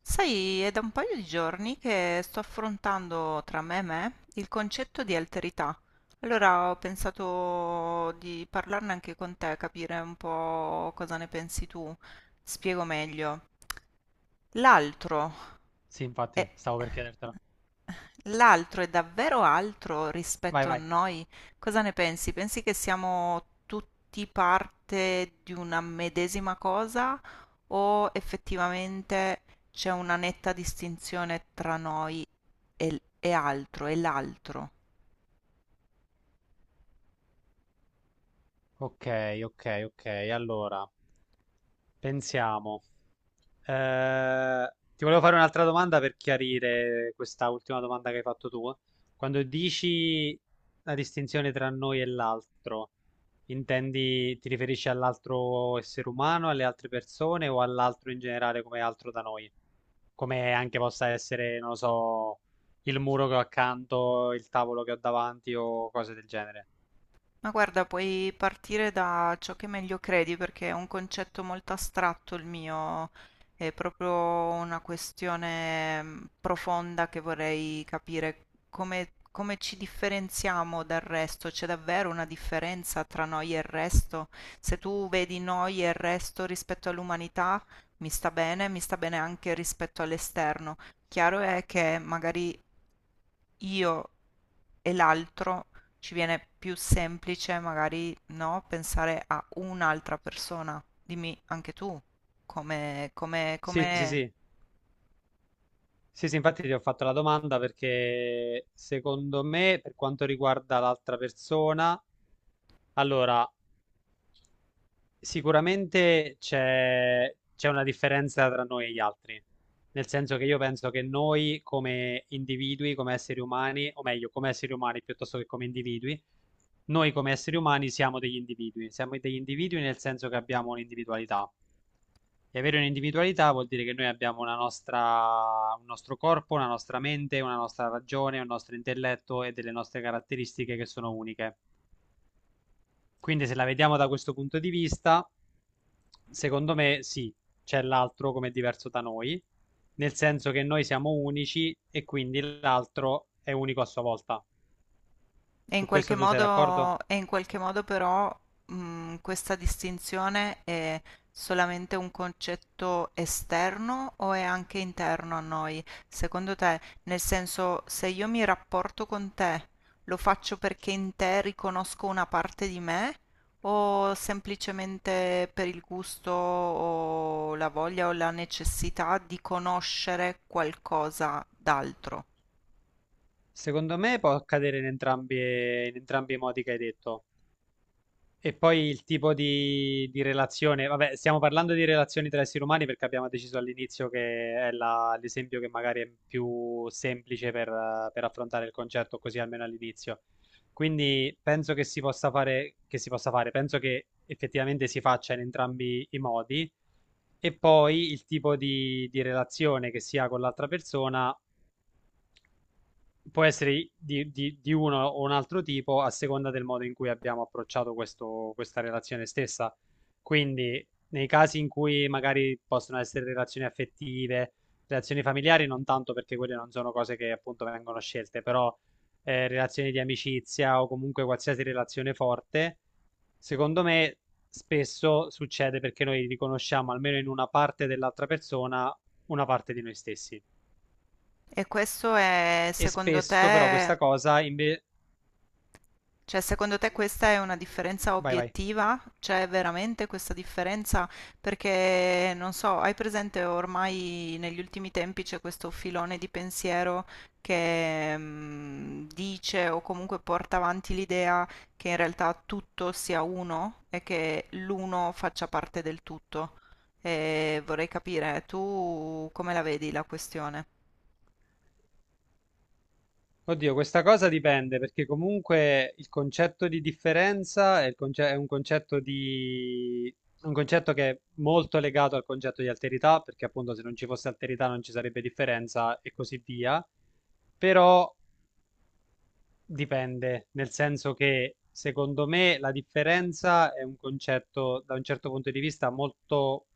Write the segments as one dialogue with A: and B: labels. A: Sai, è da un paio di giorni che sto affrontando tra me e me il concetto di alterità. Allora ho pensato di parlarne anche con te, capire un po' cosa ne pensi tu. Spiego meglio. L'altro
B: Sì,
A: è
B: infatti, stavo per chiedertelo.
A: L'altro è davvero altro
B: Vai,
A: rispetto a
B: vai.
A: noi? Cosa ne pensi? Pensi che siamo tutti parte di una medesima cosa o effettivamente c'è una netta distinzione tra noi e altro, e l'altro?
B: Ok, ok, ok. Allora, pensiamo. Eh, ti volevo fare un'altra domanda per chiarire questa ultima domanda che hai fatto tu. Quando dici la distinzione tra noi e l'altro, intendi, ti riferisci all'altro essere umano, alle altre persone o all'altro in generale come altro da noi? Come anche possa essere, non lo so, il muro che ho accanto, il tavolo che ho davanti o cose del genere.
A: Ma guarda, puoi partire da ciò che meglio credi perché è un concetto molto astratto il mio, è proprio una questione profonda che vorrei capire come ci differenziamo dal resto, c'è davvero una differenza tra noi e il resto? Se tu vedi noi e il resto rispetto all'umanità, mi sta bene anche rispetto all'esterno. Chiaro è che magari io e l'altro ci viene più semplice magari no, pensare a un'altra persona. Dimmi anche tu come, come,
B: Sì, sì,
A: come
B: sì. Sì, sì, infatti ti ho fatto la domanda perché secondo me, per quanto riguarda l'altra persona, allora, sicuramente c'è una differenza tra noi e gli altri, nel senso che io penso che noi come individui, come esseri umani, o meglio, come esseri umani piuttosto che come individui, noi come esseri umani siamo degli individui nel senso che abbiamo un'individualità. E avere un'individualità vuol dire che noi abbiamo una nostra, un nostro corpo, una nostra mente, una nostra ragione, un nostro intelletto e delle nostre caratteristiche che sono uniche. Quindi se la vediamo da questo punto di vista, secondo me sì, c'è l'altro come diverso da noi, nel senso che noi siamo unici e quindi l'altro è unico a sua volta.
A: E in
B: Su
A: qualche
B: questo tu sei d'accordo?
A: modo, e in qualche modo però questa distinzione è solamente un concetto esterno o è anche interno a noi? Secondo te, nel senso, se io mi rapporto con te, lo faccio perché in te riconosco una parte di me o semplicemente per il gusto o la voglia o la necessità di conoscere qualcosa d'altro?
B: Secondo me può accadere in entrambi i modi che hai detto. E poi il tipo di relazione, vabbè, stiamo parlando di relazioni tra esseri umani perché abbiamo deciso all'inizio che è l'esempio che magari è più semplice per affrontare il concetto, così almeno all'inizio. Quindi penso che si possa fare, che si possa fare, penso che effettivamente si faccia in entrambi i modi. E poi il tipo di relazione che si ha con l'altra persona può essere di uno o un altro tipo a seconda del modo in cui abbiamo approcciato questa relazione stessa. Quindi, nei casi in cui magari possono essere relazioni affettive, relazioni familiari, non tanto perché quelle non sono cose che appunto vengono scelte, però relazioni di amicizia o comunque qualsiasi relazione forte, secondo me spesso succede perché noi riconosciamo almeno in una parte dell'altra persona una parte di noi stessi.
A: E questo è,
B: E
A: secondo
B: spesso però
A: te.
B: questa cosa invece.
A: Cioè, secondo te questa è una differenza
B: Vai, vai.
A: obiettiva? C'è veramente questa differenza? Perché, non so, hai presente ormai negli ultimi tempi c'è questo filone di pensiero che dice o comunque porta avanti l'idea che in realtà tutto sia uno e che l'uno faccia parte del tutto. E vorrei capire, tu come la vedi la questione?
B: Oddio, questa cosa dipende perché comunque il concetto di differenza è, è un concetto di un concetto che è molto legato al concetto di alterità, perché appunto se non ci fosse alterità non ci sarebbe differenza e così via. Però dipende, nel senso che secondo me la differenza è un concetto da un certo punto di vista molto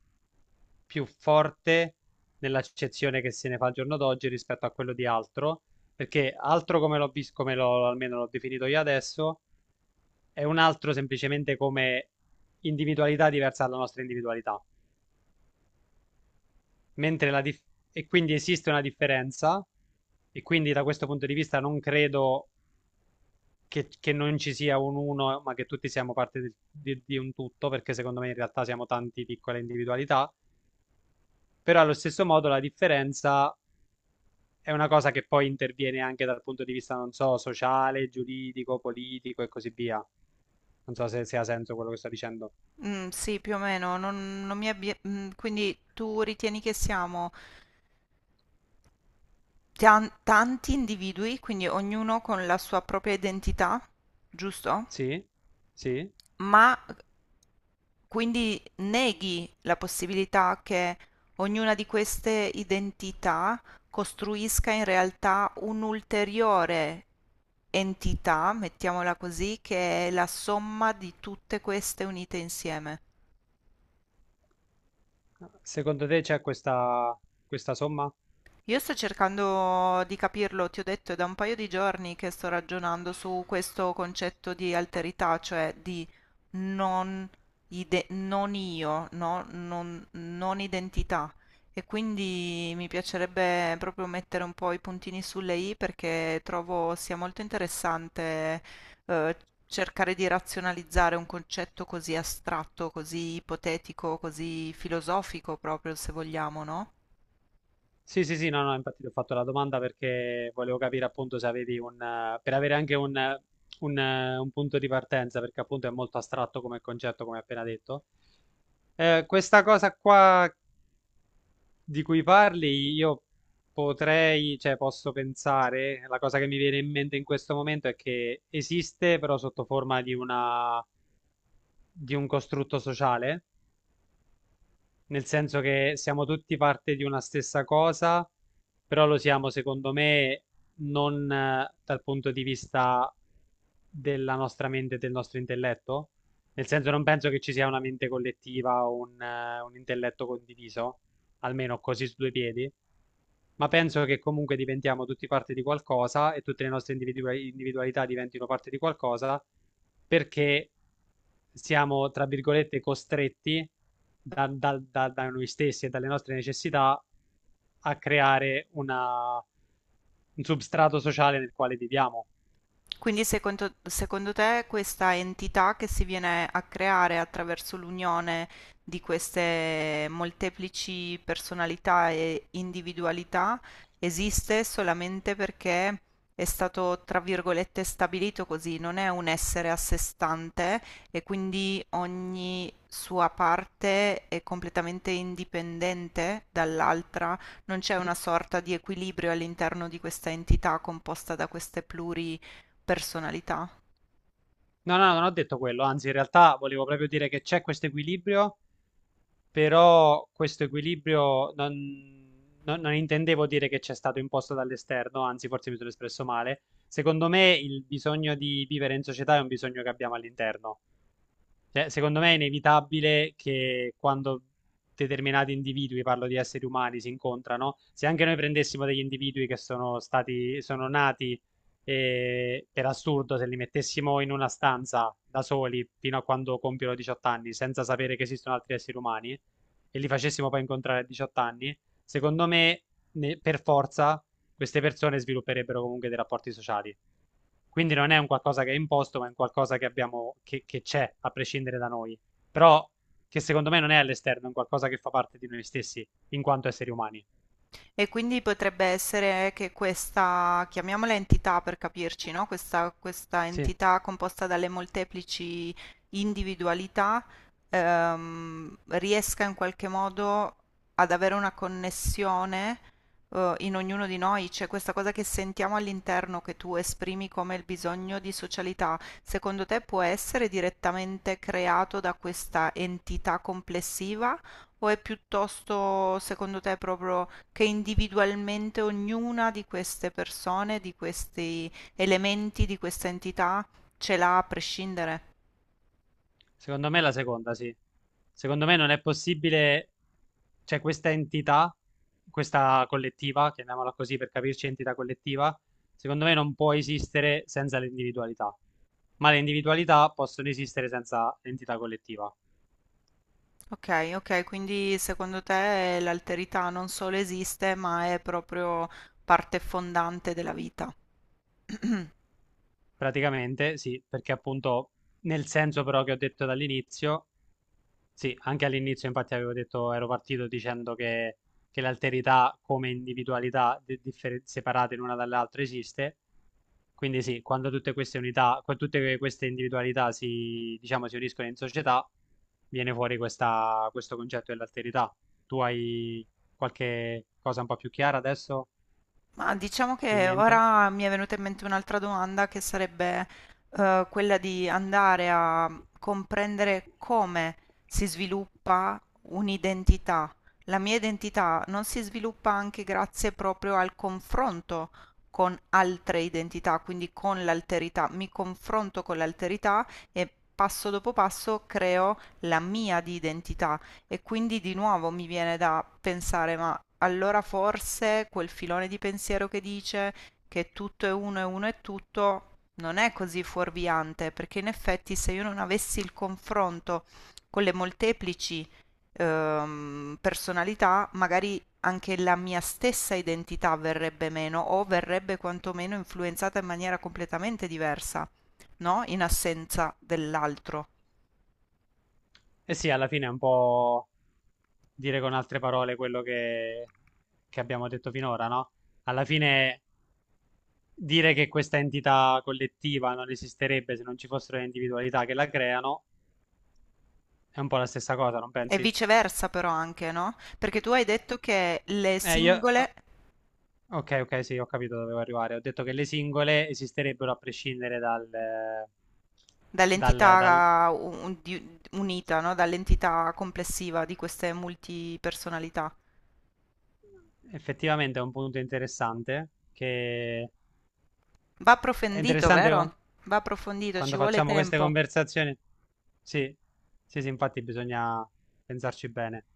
B: più forte nell'accezione che se ne fa al giorno d'oggi rispetto a quello di altro, perché altro come l'ho visto, come l'ho almeno l'ho definito io adesso, è un altro semplicemente come individualità diversa dalla nostra individualità. Mentre la dif- e quindi esiste una differenza, e quindi da questo punto di vista non credo che non ci sia un uno, ma che tutti siamo parte di un tutto, perché secondo me in realtà siamo tante piccole individualità, però allo stesso modo la differenza è una cosa che poi interviene anche dal punto di vista, non so, sociale, giuridico, politico e così via. Non so se ha senso quello che sto dicendo.
A: Mm, sì, più o meno, non quindi tu ritieni che siamo tanti individui, quindi ognuno con la sua propria identità, giusto?
B: Sì? Sì?
A: Ma quindi neghi la possibilità che ognuna di queste identità costruisca in realtà un'ulteriore entità, mettiamola così, che è la somma di tutte queste unite insieme.
B: Secondo te c'è questa somma?
A: Io sto cercando di capirlo, ti ho detto, è da un paio di giorni che sto ragionando su questo concetto di alterità, cioè di non, non io, no? Non identità. E quindi mi piacerebbe proprio mettere un po' i puntini sulle i perché trovo sia molto interessante eh, cercare di razionalizzare un concetto così astratto, così ipotetico, così filosofico proprio, se vogliamo, no?
B: Sì, sì, sì, no, no, infatti ti ho fatto la domanda perché volevo capire appunto se avevi un, per avere anche un punto di partenza, perché appunto è molto astratto come concetto, come appena detto. Questa cosa qua di cui parli, io potrei, cioè posso pensare, la cosa che mi viene in mente in questo momento è che esiste però sotto forma di una, di un costrutto sociale, nel senso che siamo tutti parte di una stessa cosa, però lo siamo, secondo me, non dal punto di vista della nostra mente e del nostro intelletto. Nel senso, non penso che ci sia una mente collettiva o un intelletto condiviso almeno così su due piedi, ma penso che comunque diventiamo tutti parte di qualcosa e tutte le nostre individualità diventino parte di qualcosa perché siamo, tra virgolette, costretti da noi stessi e dalle nostre necessità a creare un substrato sociale nel quale viviamo.
A: Quindi secondo te questa entità che si viene a creare attraverso l'unione di queste molteplici personalità e individualità esiste solamente perché è stato, tra virgolette, stabilito così, non è un essere a sé stante e quindi ogni sua parte è completamente indipendente dall'altra, non c'è una sorta di equilibrio all'interno di questa entità composta da queste pluri personalità.
B: No, no, non ho detto quello, anzi, in realtà volevo proprio dire che c'è questo equilibrio, però questo equilibrio non intendevo dire che c'è stato imposto dall'esterno, anzi forse mi sono espresso male. Secondo me il bisogno di vivere in società è un bisogno che abbiamo all'interno, cioè, secondo me è inevitabile che quando determinati individui, parlo di esseri umani, si incontrano, se anche noi prendessimo degli individui che sono stati, sono nati per assurdo, se li mettessimo in una stanza da soli fino a quando compiono 18 anni, senza sapere che esistono altri esseri umani, e li facessimo poi incontrare a 18 anni, secondo me per forza queste persone svilupperebbero comunque dei rapporti sociali. Quindi non è un qualcosa che è imposto, ma è un qualcosa che abbiamo, che c'è, a prescindere da noi. Però che secondo me non è all'esterno, è un qualcosa che fa parte di noi stessi, in quanto esseri umani.
A: E quindi potrebbe essere che questa, chiamiamola entità per capirci, no? Questa
B: Sì.
A: entità composta dalle molteplici individualità riesca in qualche modo ad avere una connessione in ognuno di noi, c'è questa cosa che sentiamo all'interno che tu esprimi come il bisogno di socialità, secondo te può essere direttamente creato da questa entità complessiva o è piuttosto, secondo te, proprio che individualmente ognuna di queste persone, di questi elementi, di questa entità ce l'ha a prescindere?
B: Secondo me è la seconda, sì. Secondo me non è possibile, cioè questa entità, questa collettiva, chiamiamola così per capirci, entità collettiva, secondo me non può esistere senza l'individualità, ma le individualità possono esistere senza l'entità collettiva.
A: Ok, ok, quindi secondo te l'alterità non solo esiste, ma è proprio parte fondante della vita.
B: Praticamente sì, perché appunto nel senso però che ho detto dall'inizio, sì, anche all'inizio infatti avevo detto, ero partito dicendo che l'alterità come individualità separate l'una dall'altra esiste, quindi sì, quando tutte queste unità, queste individualità si, diciamo, si uniscono in società, viene fuori questo concetto dell'alterità. Tu hai qualche cosa un po' più chiara adesso
A: Ma diciamo
B: in
A: che
B: mente?
A: ora mi è venuta in mente un'altra domanda che sarebbe quella di andare a comprendere come si sviluppa un'identità. La mia identità non si sviluppa anche grazie proprio al confronto con altre identità, quindi con l'alterità. Mi confronto con l'alterità e passo dopo passo creo la mia di identità e quindi di nuovo mi viene da pensare, ma allora forse quel filone di pensiero che dice che tutto è uno e uno è tutto non è così fuorviante, perché in effetti se io non avessi il confronto con le molteplici personalità, magari anche la mia stessa identità verrebbe meno o verrebbe quantomeno influenzata in maniera completamente diversa, no? In assenza dell'altro.
B: Eh sì, alla fine è un po' dire con altre parole quello che abbiamo detto finora, no? Alla fine dire che questa entità collettiva non esisterebbe se non ci fossero le individualità che la creano è un po' la stessa cosa, non
A: E
B: pensi?
A: viceversa però anche, no? Perché tu hai detto che le
B: Oh,
A: singole
B: ok, ok, sì, ho capito dove volevo arrivare. Ho detto che le singole esisterebbero a prescindere dal.
A: dall'entità unita, no? Dall'entità complessiva di queste multipersonalità.
B: Effettivamente è un punto interessante, che
A: Va
B: è
A: approfondito,
B: interessante
A: vero? Va approfondito, ci
B: quando
A: vuole
B: facciamo queste
A: tempo.
B: conversazioni. Sì, sì, sì, infatti bisogna pensarci bene.